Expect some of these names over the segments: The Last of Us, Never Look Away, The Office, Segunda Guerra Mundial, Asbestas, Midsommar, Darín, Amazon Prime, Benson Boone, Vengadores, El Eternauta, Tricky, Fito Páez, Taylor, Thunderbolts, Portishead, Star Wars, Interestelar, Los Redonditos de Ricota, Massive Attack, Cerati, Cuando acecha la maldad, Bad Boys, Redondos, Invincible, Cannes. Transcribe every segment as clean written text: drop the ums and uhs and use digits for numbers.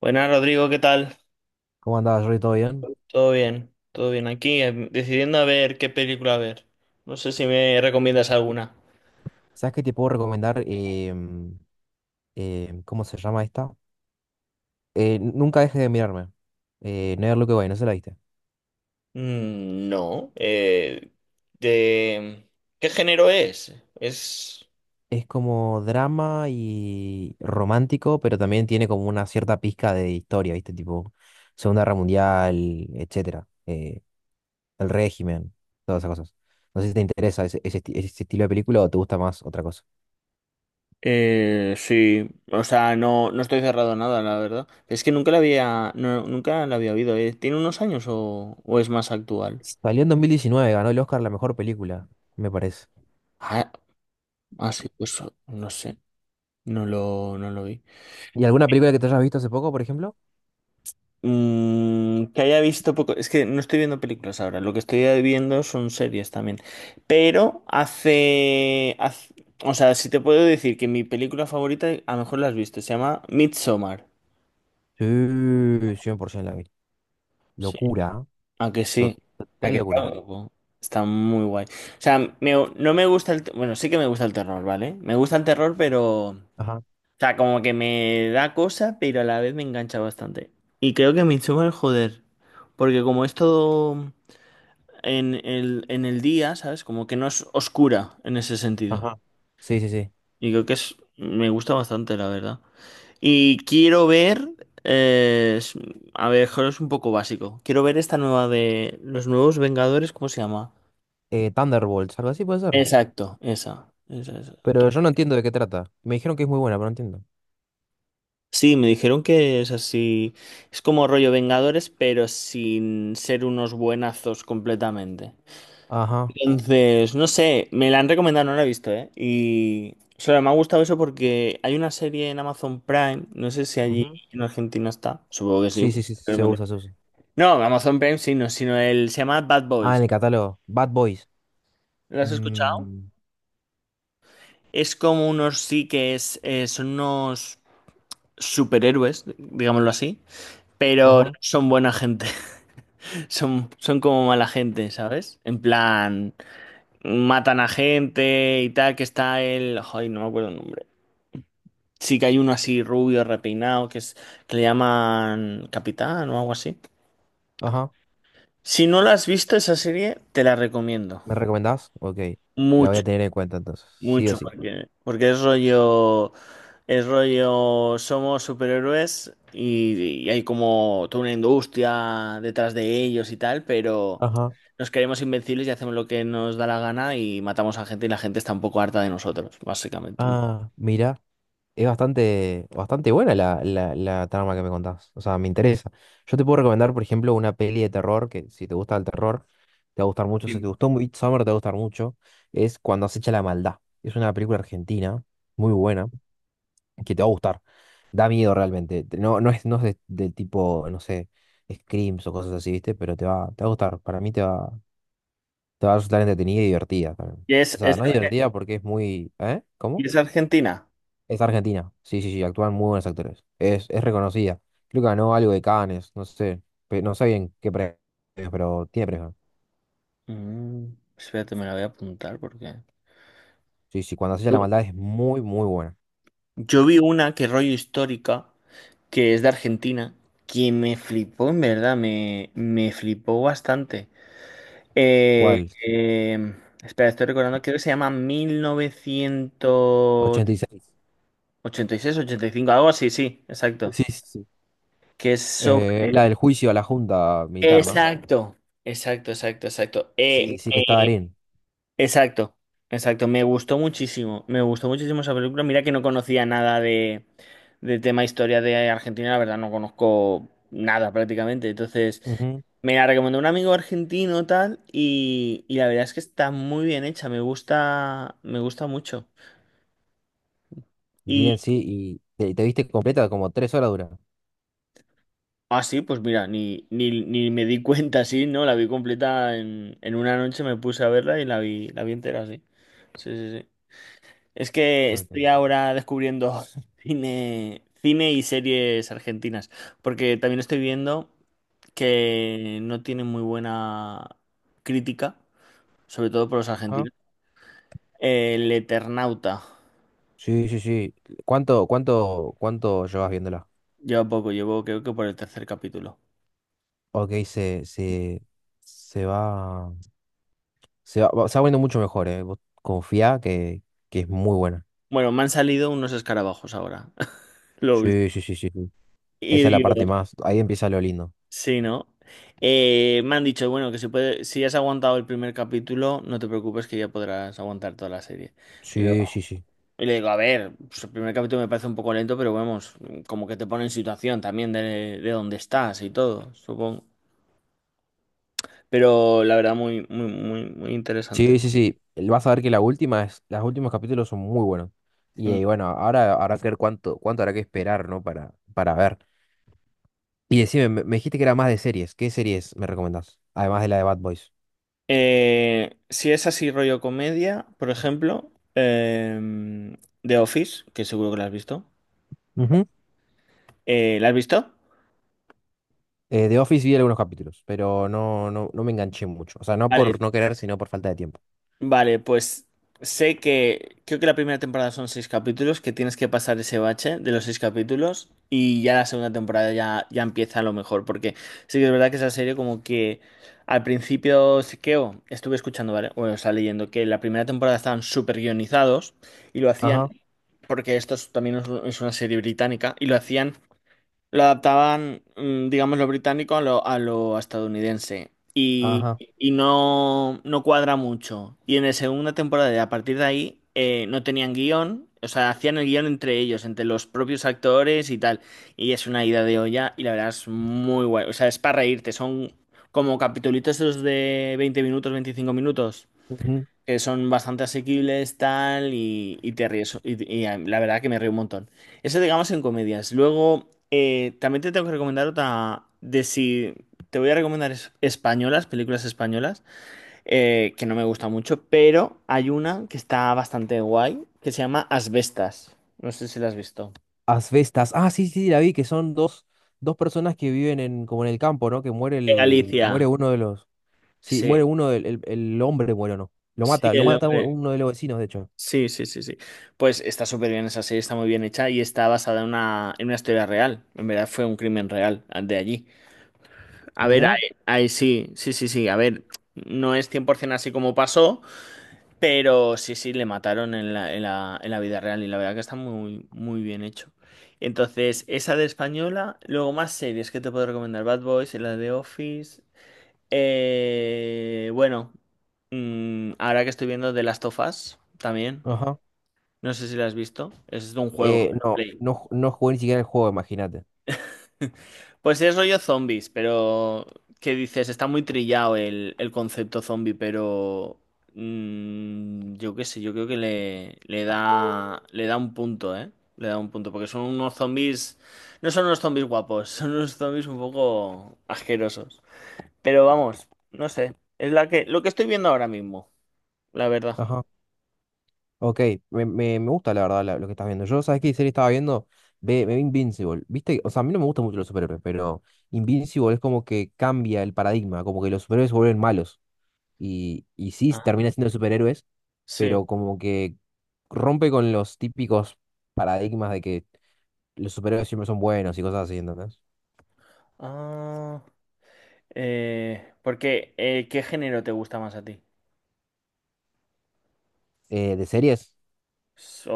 Buenas, Rodrigo, ¿qué tal? ¿Cómo andabas, Rory? ¿Todo bien? Todo bien aquí, decidiendo a ver qué película ver. No sé si me recomiendas alguna. ¿Sabes qué te puedo recomendar? ¿Cómo se llama esta? Nunca dejes de mirarme. Never Look Away, no se la viste. Mm, no. De... ¿Qué género es? Es como drama y romántico, pero también tiene como una cierta pizca de historia, ¿viste? Tipo Segunda Guerra Mundial, etcétera. El régimen, todas esas cosas. No sé si te interesa ese ese estilo de película o te gusta más otra cosa. Sí, o sea, no, no estoy cerrado a nada, la verdad. Es que nunca la había, no, nunca la había oído. ¿Tiene unos años o es más actual? Salió en 2019, ganó el Oscar a la mejor película, me parece. Ah, ah, sí, pues no sé, no lo vi. ¿Y alguna película que te hayas visto hace poco, por ejemplo? Mm, que haya visto poco. Es que no estoy viendo películas ahora. Lo que estoy viendo son series también. Pero o sea, si te puedo decir que mi película favorita, a lo mejor la has visto, se llama Midsommar. Sí, 100% la vi. Sí. Locura, ¿eh? ¿A que sí? ¿A Total que está locura. guapo? Está muy guay. O sea, no me gusta el... Bueno, sí que me gusta el terror, ¿vale? Me gusta el terror, pero... O Ajá, sea, como que me da cosa, pero a la vez me engancha bastante. Y creo que Midsommar, joder. Porque como es todo, en el día, ¿sabes? Como que no es oscura en ese sentido. ajá. Sí, sí, sí. Y creo que es, me gusta bastante, la verdad. Y quiero ver, eh, es- a ver, joder, es un poco básico. Quiero ver esta nueva de los nuevos Vengadores, ¿cómo se llama? Thunderbolts, algo así puede ser. Exacto, esa, esa, esa. Pero yo no entiendo de qué trata. Me dijeron que es muy buena, pero no entiendo. Sí, me dijeron que es así, es como rollo Vengadores, pero sin ser unos buenazos completamente. Ajá. Entonces, no sé, me la han recomendado, no la he visto, ¿eh? Y solo me ha gustado eso porque hay una serie en Amazon Prime, no sé si allí Ujú. en Argentina está, supongo que sí. Sí, sí, sí, pero el se mundial- usa, se usa. No, Amazon Prime sí, no, sino el, se llama Bad Ah, en Boys. el catálogo. Bad Boys. ¿Lo has escuchado? Mm, Es como unos sí que es, son unos superhéroes, digámoslo así, pero no ajá, son buena gente, son como mala gente, ¿sabes? En plan, matan a gente y tal, que está el... Ay, no me acuerdo el nombre. Sí que hay uno así rubio, repeinado, que es, que le llaman Capitán o algo así. ajá. Si no la has visto esa serie, te la recomiendo. ¿Me recomendás? Ok. La voy Mucho, a tener en cuenta entonces. Sí o mucho, sí. porque es rollo, somos superhéroes y hay como toda una industria detrás de ellos y tal, pero Ajá. nos creemos invencibles y hacemos lo que nos da la gana y matamos a gente y la gente está un poco harta de nosotros, básicamente. Ah, mira. Es bastante, bastante buena la trama que me contás. O sea, me interesa. Yo te puedo recomendar, por ejemplo, una peli de terror que si te gusta el terror, te va a gustar mucho. Si te gustó Midsommar, te va a gustar mucho. Es Cuando acecha la maldad. Es una película argentina muy buena que te va a gustar. Da miedo realmente. No, no es, no es de tipo, no sé, screams o cosas así, ¿viste? Pero te va a gustar. Para mí te va a resultar entretenida y divertida también. Y es, O sea, es, no divertida porque es muy... ¿Eh? y ¿Cómo? es Argentina. Es argentina. Sí, sí, sí, actúan muy buenos actores. Es reconocida. Creo que ganó algo de Cannes, no sé. No sé bien qué premio, pero tiene premio. Mm, espérate, me la voy a apuntar porque... Sí, sí, cuando hacía la maldad es muy, muy buena. Yo vi una que rollo histórica, que es de Argentina, que me flipó, en verdad, me flipó bastante. Eh, ¿Cuál? eh, espera, estoy recordando, creo que se llama mil novecientos 86. ochenta ochenta y seis, ochenta y cinco, algo así, sí, exacto. Sí, sí, sí. Que es sobre... Es la del juicio a la junta militar, ¿no? Exacto, exacto, exacto, exacto. Sí, sí, que está Darín. Exacto, exacto. Me gustó muchísimo esa película. Mira que no conocía nada de tema historia de Argentina, la verdad no conozco nada prácticamente. Entonces, Ujú. me la recomendó un amigo argentino tal y la verdad es que está muy bien hecha, me gusta mucho. Bien, Y, sí, y te viste completa como 3 horas dura. ah, sí, pues mira, ni me di cuenta, sí, ¿no? La vi completa en una noche, me puse a verla y la vi, entera, sí. Sí, sí, sí. Es que Ok. estoy ahora descubriendo cine, cine y series argentinas, porque también estoy viendo que no tienen muy buena crítica, sobre todo por los Ajá. argentinos. El Eternauta. Sí, sí, sí. Cuánto llevas viéndola? Lleva poco, llevo creo que por el tercer capítulo. Ok, se va. Se va poniendo mucho mejor, ¿eh? Vos confía que es muy buena. Bueno, me han salido unos escarabajos ahora, lo Sí, último. sí, sí, sí, sí. Y Esa es la digo, parte más. Ahí empieza lo lindo. sí, ¿no? Me han dicho, bueno, que si puede, si has aguantado el primer capítulo, no te preocupes que ya podrás aguantar toda la serie. Sí, sí, sí. Y le digo, a ver, pues el primer capítulo me parece un poco lento, pero vamos, como que te pone en situación también de dónde estás y todo, supongo. Pero la verdad, muy, muy, muy, muy interesante. Sí, sí, sí. Vas a ver que la última es, los últimos capítulos son muy buenos. Y, Mm. Bueno, ahora habrá que ver cuánto, cuánto habrá que esperar, ¿no? Para ver. Y decime, me dijiste que era más de series. ¿Qué series me recomendás? Además de la de Bad Boys. Si es así rollo comedia, por ejemplo, The Office, que seguro que la has visto. Ujú. ¿La has visto? The Office vi algunos capítulos, pero no, no, no me enganché mucho. O sea, no Vale, por no querer, sino por falta de tiempo. vale, pues sé que creo que la primera temporada son seis capítulos, que tienes que pasar ese bache de los seis capítulos y ya la segunda temporada ya empieza a lo mejor, porque sí que es verdad que esa serie como que al principio sí que estuve escuchando, ¿vale? O sea, leyendo que la primera temporada estaban súper guionizados y lo hacían, Ajá, porque también es es una serie británica, y lo hacían lo adaptaban, digamos, lo británico a lo, estadounidense. Y, ajá. y no, no cuadra mucho. Y en la segunda temporada, y a partir de ahí, no tenían guión. O sea, hacían el guión entre ellos, entre los propios actores y tal. Y es una ida de olla y la verdad es muy guay. O sea, es para reírte. Son como capitulitos esos de 20 minutos, 25 minutos que son bastante asequibles, tal, y te ríes. La verdad que me río un montón. Eso, digamos, en comedias. Luego, también te tengo que recomendar otra de si. Te voy a recomendar españolas, películas españolas, que no me gusta mucho, pero hay una que está bastante guay, que se llama Asbestas. No sé si la has visto. Asbestas. Ah, sí, sí, sí, la vi, que son dos, dos personas que viven en, como en el campo, ¿no? Que muere De muere Galicia. uno de los. Sí, muere Sí. uno el hombre muere, ¿no? Sí, Lo el mata hombre. uno de los vecinos, de hecho. Sí, sí, sí, sí. Pues está súper bien esa serie, está muy bien hecha y está basada en una historia real. En verdad fue un crimen real de allí. A ver, Mirá. ahí sí, sí, sí, sí. A ver, no es 100% así como pasó, pero sí, sí, le mataron en la vida real y la verdad que está muy, muy bien hecho. Entonces, esa de española, luego más series que te puedo recomendar. Bad Boys, la de Office. Bueno, ahora que estoy viendo The Last of Us también. Ajá. No sé si la has visto. Es de un juego. No, Play. no, no jugué ni siquiera el juego, imagínate. Pues es rollo zombies, pero ¿qué dices? Está muy trillado el concepto zombie, pero yo qué sé, yo creo que le da un punto, ¿eh? Le da un punto, porque son unos zombies, no son unos zombies guapos, son unos zombies un poco asquerosos. Pero vamos, no sé, es la que lo que estoy viendo ahora mismo, la verdad. Ajá. Ok, me gusta la verdad lo que estás viendo. Yo, ¿sabes qué serie estaba viendo? Ve, me vi Invincible. ¿Viste? O sea, a mí no me gustan mucho los superhéroes, pero Invincible es como que cambia el paradigma, como que los superhéroes se vuelven malos. Y, y sí Ah, termina siendo superhéroes, Sí. pero como que rompe con los típicos paradigmas de que los superhéroes siempre son buenos y cosas así, ¿entendés? Ah, porque ¿qué género te gusta más a ti? De series,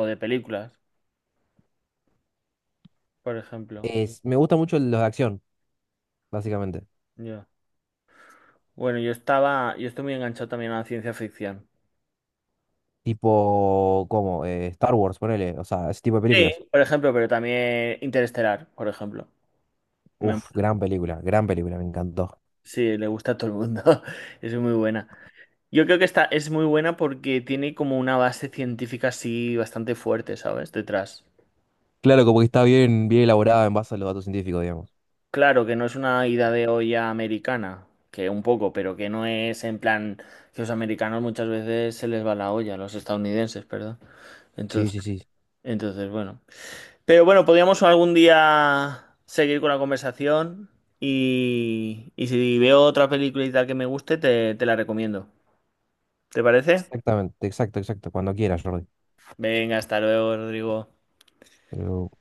O de películas, por ejemplo. es, me gusta mucho los de acción, básicamente. Ya. Bueno, yo estaba, yo estoy muy enganchado también a la ciencia ficción. Tipo, como Star Wars, ponele, o sea, ese tipo de Sí, películas. por ejemplo, pero también Interestelar, por ejemplo. Me- Uf, gran película, me encantó. sí, le gusta a todo el mundo. Es muy buena. Yo creo que esta es muy buena porque tiene como una base científica así bastante fuerte, ¿sabes? Detrás. Claro, como que está bien, bien elaborada en base a los datos científicos, digamos. Claro que no es una ida de olla americana, que un poco, pero que no es en plan que los americanos muchas veces se les va la olla, a los estadounidenses, perdón. Sí, Entonces, sí, sí. entonces, bueno. Pero bueno, podríamos algún día seguir con la conversación y si veo otra película y tal que me guste, te la recomiendo. ¿Te parece? Exactamente, exacto, exacto. Cuando quieras, Jordi. Venga, hasta luego, Rodrigo. Pero